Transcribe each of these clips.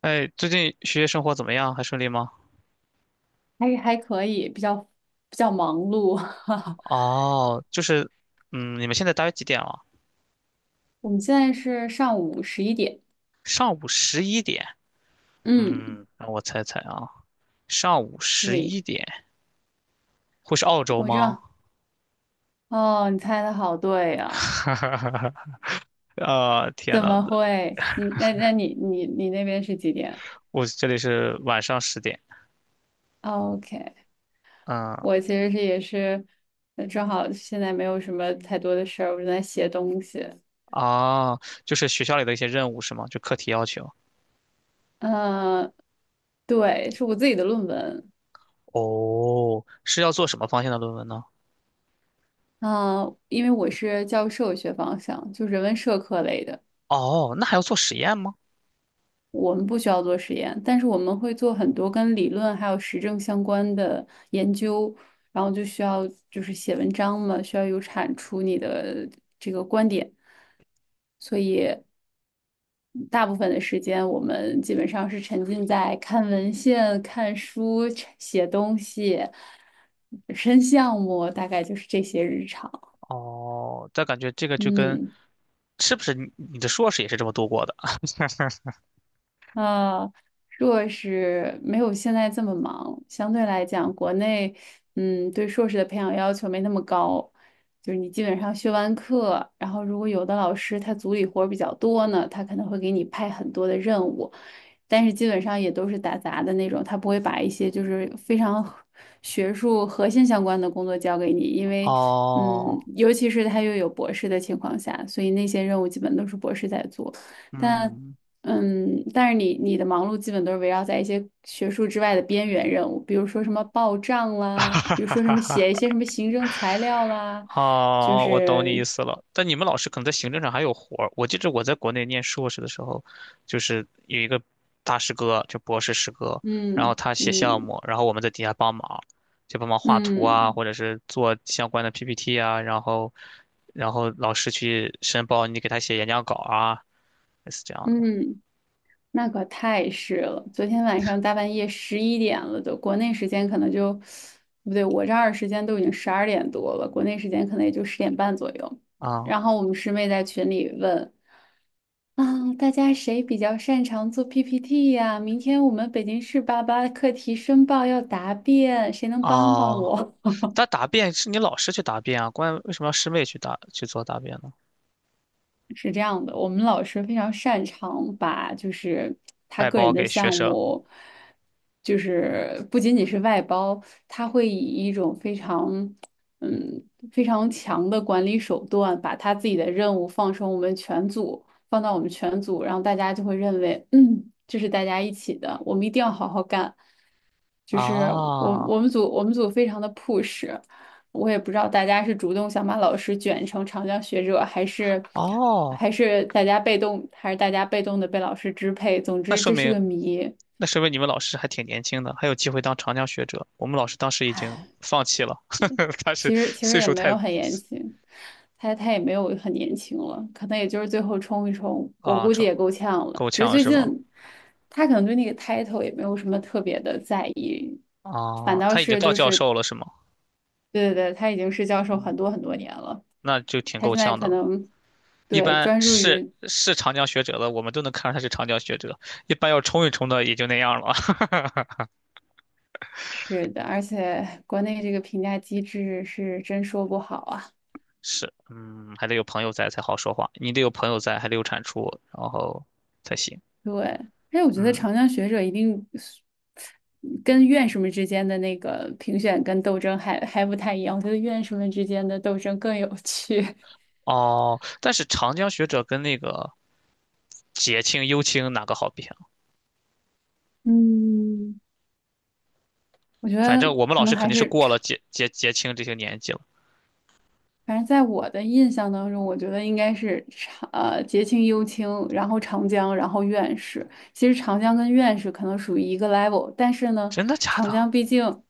哎，最近学业生活怎么样？还顺利吗？还可以，比较忙碌。哦，就是，你们现在大约几点了？我们现在是上午11点。上午十一点。嗯，让我猜猜啊，上午十对，一点会是澳洲我这吗？哦，你猜的好对 啊！哈哈哈哈！啊，天怎呐，么会？你那那你你你那边是几点我这里是晚上10点。哦？OK，嗯，我其实是也是，正好现在没有什么太多的事儿，我正在写东西。啊，就是学校里的一些任务是吗？就课题要求。嗯，对，是我自己的论文。哦，是要做什么方向的论文呢？嗯，因为我是教授学方向，就人文社科类的。哦，那还要做实验吗？我们不需要做实验，但是我们会做很多跟理论还有实证相关的研究，然后就需要就是写文章嘛，需要有产出你的这个观点，所以大部分的时间我们基本上是沉浸在看文献、看书、写东西、申项目，大概就是这些日常。哦，但感觉这个就跟，嗯。是不是你的硕士也是这么度过的？呃，硕士没有现在这么忙，相对来讲，国内对硕士的培养要求没那么高，就是你基本上学完课，然后如果有的老师他组里活儿比较多呢，他可能会给你派很多的任务，但是基本上也都是打杂的那种，他不会把一些就是非常学术核心相关的工作交给你，因为哦，尤其是他又有博士的情况下，所以那些任务基本都是博士在做。但嗯，但是你的忙碌基本都是围绕在一些学术之外的边缘任务，比如说什么报账 哈啦，哈比如说什哈么写一哈，些什么行政材料啦，就哦，我懂你是意思了。但你们老师可能在行政上还有活儿。我记着我在国内念硕士的时候，就是有一个大师哥，就博士师哥，然后他写项嗯目，然后我们在底下帮忙，就帮忙画图啊，嗯或者是做相关的 PPT 啊，然后老师去申报，你给他写演讲稿啊，类似这样的嗯嗯。嗯那可太是了，昨天晚上大半夜11点了都，国内时间可能就，不对，我这儿时间都已经12点多了，国内时间可能也就10点半左右。啊。然后我们师妹在群里问啊，大家谁比较擅长做 PPT 呀？明天我们北京市88课题申报要答辩，谁能帮帮哦，我？他答辩是你老师去答辩啊，关为什么要师妹去做答辩呢？是这样的，我们老师非常擅长把就是他外个包人的给学项生目，就是不仅仅是外包，他会以一种嗯非常强的管理手段，把他自己的任务放到我们全组，然后大家就会认为，嗯，这是大家一起的，我们一定要好好干。就是我啊，我们组我们组非常的 push，我也不知道大家是主动想把老师卷成长江学者，还是哦，大家被动，还是大家被动的被老师支配。总那之说这是个明谜，那说明你们老师还挺年轻的，还有机会当长江学者。我们老师当时已经放弃了，他是其实岁也数没太有很严情，他也没有很年轻了，可能也就是最后冲一冲，我啊，估计成也够呛了。够只是呛最是吗？近他可能对那个 title 也没有什么特别的在意，反啊，倒他已经是到就教是授了是吗？对对对，他已经是教授嗯，很多很多年了。那就挺他够现在呛的可了。能一对般专注是于是长江学者的，我们都能看出他是长江学者。一般要冲一冲的也就那样了。是的，而且国内这个评价机制是真说不好啊。是，嗯，还得有朋友在才好说话，你得有朋友在，还得有产出，然后才行。对，哎，我觉得嗯，长江学者一定是跟院士们之间的那个评选跟斗争还不太一样，我觉得院士们之间的斗争更有趣。哦，但是长江学者跟那个结清、优青哪个好比啊？嗯，我觉反得正我们可老能师肯还定是是过了长。结清这些年纪了。反正在我的印象当中，我觉得应该是节庆、幽青，然后长江，然后院士。其实长江跟院士可能属于一个 level，但是呢，真的假长的？江毕竟。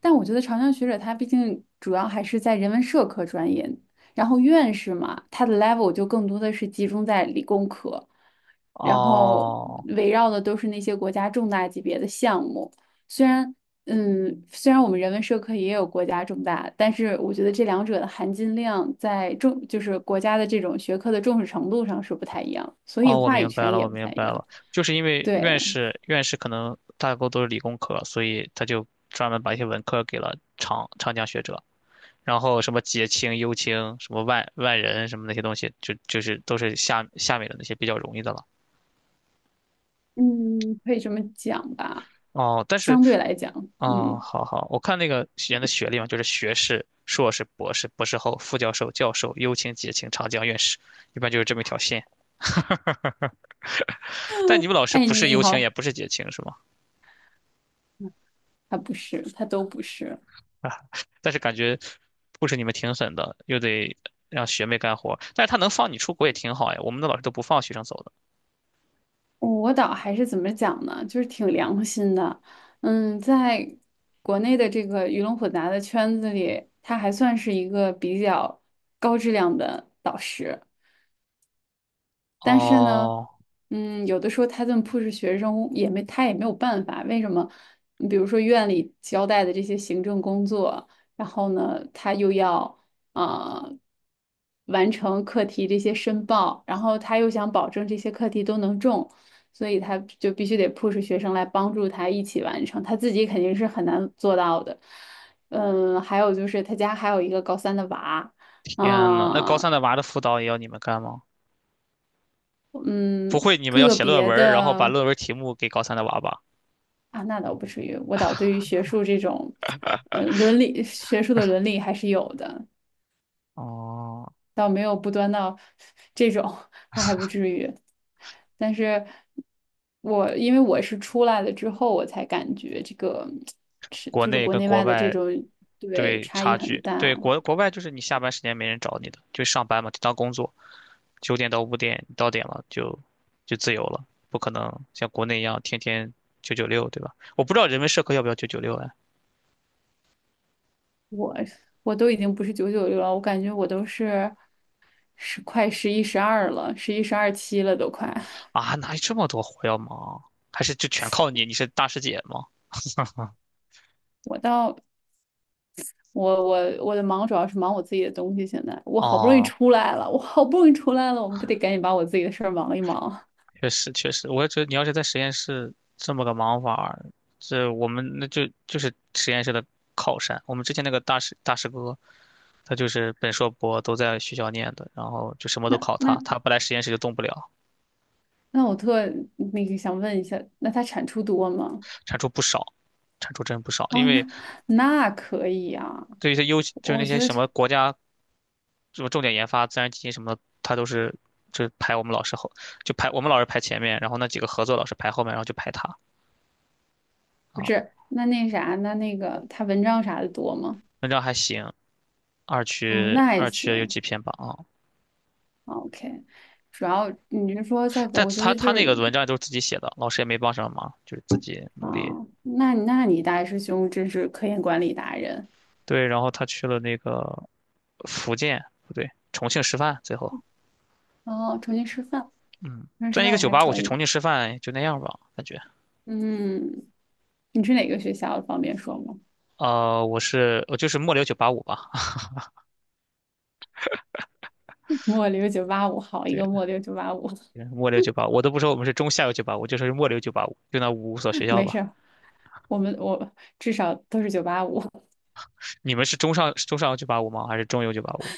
但我觉得长江学者他毕竟主要还是在人文社科专业，然后院士嘛，他的 level 就更多的是集中在理工科，然后哦围绕的都是那些国家重大级别的项目。虽然，嗯，虽然我们人文社科也有国家重大，但是我觉得这两者的含金量在重，就是国家的这种学科的重视程度上是不太一样，所以哦，我话语明白权了，也我不明太一白样。了，就是因为院对，士院士可能大多都是理工科，所以他就专门把一些文科给了长江学者，然后什么结清、优青，什么万人什么那些东西，就是都是下面的那些比较容易的了。嗯，可以这么讲吧，哦，但是相对来讲，哦，嗯。好好，我看那个学员的学历嘛，就是学士、硕士、博士、博士后、副教授、教授、优请、解请、长江院士，一般就是这么一条线。但你们 老师哎，不是你优请，也好，不是解请，是吗？他不是，他都不是。但是感觉不是你们挺狠的，又得让学妹干活。但是他能放你出国也挺好呀，我们的老师都不放学生走的。我导还是怎么讲呢？就是挺良心的。嗯，在国内的这个鱼龙混杂的圈子里，他还算是一个比较高质量的导师。但是呢，哦，嗯，有的时候他这么 push 学生也没他也没有办法，为什么？你比如说院里交代的这些行政工作，然后呢，他又要啊、呃完成课题这些申报，然后他又想保证这些课题都能中，所以他就必须得 push 学生来帮助他一起完成，他自己肯定是很难做到的。嗯，还有就是他家还有一个高三的娃。天呐，那高啊，三的娃的辅导也要你们干吗？不嗯，会，你们要个写论别文儿然后把的，论文题目给高三的娃吧？啊，那倒不至于，我倒对于学术这种，伦理学术的伦理还是有的，哦，倒没有不端到这种，他还不至于。但是因为我是出来了之后，我才感觉这个是国就是内国跟内国外的这外种对对差异差很距，大。对，国外就是你下班时间没人找你的，就上班嘛，就当工作，9点到5点，你到点了就自由了，不可能像国内一样天天九九六，对吧？我不知道人文社科要不要九九六哎？我我都已经不是996了，我感觉我都是10快11、12了，11、12点了都快。啊，哪有这么多活要忙？还是就全靠你？你是大师姐吗？我倒我的忙主要是忙我自己的东西。现在哦，我好不容易出来了，我们不得赶紧把我自己的事儿忙一忙啊？确实确实，我也觉得你要是在实验室这么个忙法儿，这我们那就是实验室的靠山。我们之前那个大师哥，他就是本硕博都在学校念的，然后就什么都那考他，那他不来实验室就动不了，那我那个想问一下，那它产出多吗？产出不少，产出真不少。因哦，为那可以啊，对于他优，就是我那觉些得什这么国家什么重点研发、自然基金什么的，他都是就排我们老师后，就排我们老师排前面，然后那几个合作老师排后面，然后就排他不啊。是那啥，那个他文章啥的多吗？文章还行，二哦，区那还二区有行几篇吧啊，哦，OK。主要你是说在国，但我觉他得他就那是个文章都是自己写的，老师也没帮什么忙，就是自己啊、努力。那你大师兄真是科研管理达人。对，然后他去了那个福建，不对，重庆师范，最后。哦，重新师范，嗯，重新吃转一饭个也九还八五可去重以。庆吃饭就那样吧，感觉。嗯，你是哪个学校的方便说吗？我就是末流九八五吧，末流九八五，好一对，个末流九八五，末流九八五，我都不说我们是中下游九八五，就说是末流九八五，就那五所学 校没事吧。儿，我至少都是九八五，你们是中上游九八五吗？还是中游九八五？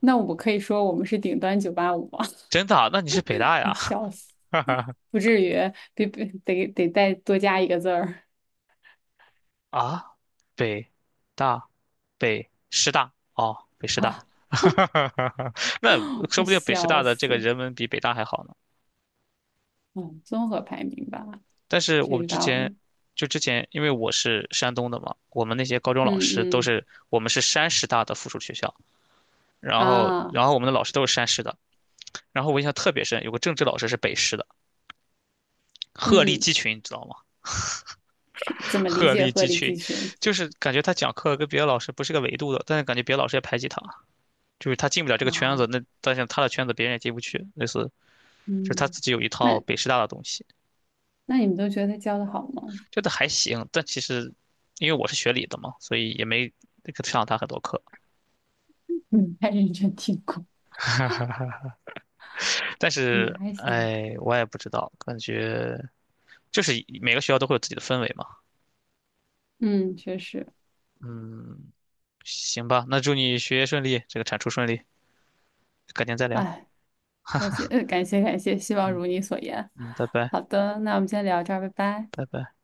那我可以说我们是顶端九八五吗？真的啊，那你是北大 呀？笑死，不至于，得得再多加一个字儿 啊，北大北师大哦，北师 大，啊！那说我不定北师笑大的这个死，人文比北大还好呢。嗯，综合排名吧，但是谁我知之道前了？因为我是山东的嘛，我们那些高中老嗯师都嗯是我们是山师大的附属学校，然后啊，然后我们的老师都是山师的，然后我印象特别深，有个政治老师是北师的，鹤立嗯，鸡群，你知道吗？怎 么理鹤解立鹤鸡立群，鸡群就是感觉他讲课跟别的老师不是个维度的，但是感觉别的老师也排挤他，就是他进不了这个圈子，啊？那但是他的圈子别人也进不去，类似就是他嗯，自己有一套那北师大的东西，那你们都觉得他教的好吗？觉得还行，但其实因为我是学理的嘛，所以也没上他很多课。嗯，太认真听过。但嗯，是，还行，哎，我也不知道，感觉就是每个学校都会有自己的氛围嘛。嗯，确实，嗯，行吧，那祝你学业顺利，这个产出顺利，改天再聊。哎，感谢，感谢，感谢，希望如你所言。嗯，拜拜，好的，那我们今天聊这儿，拜拜。拜拜。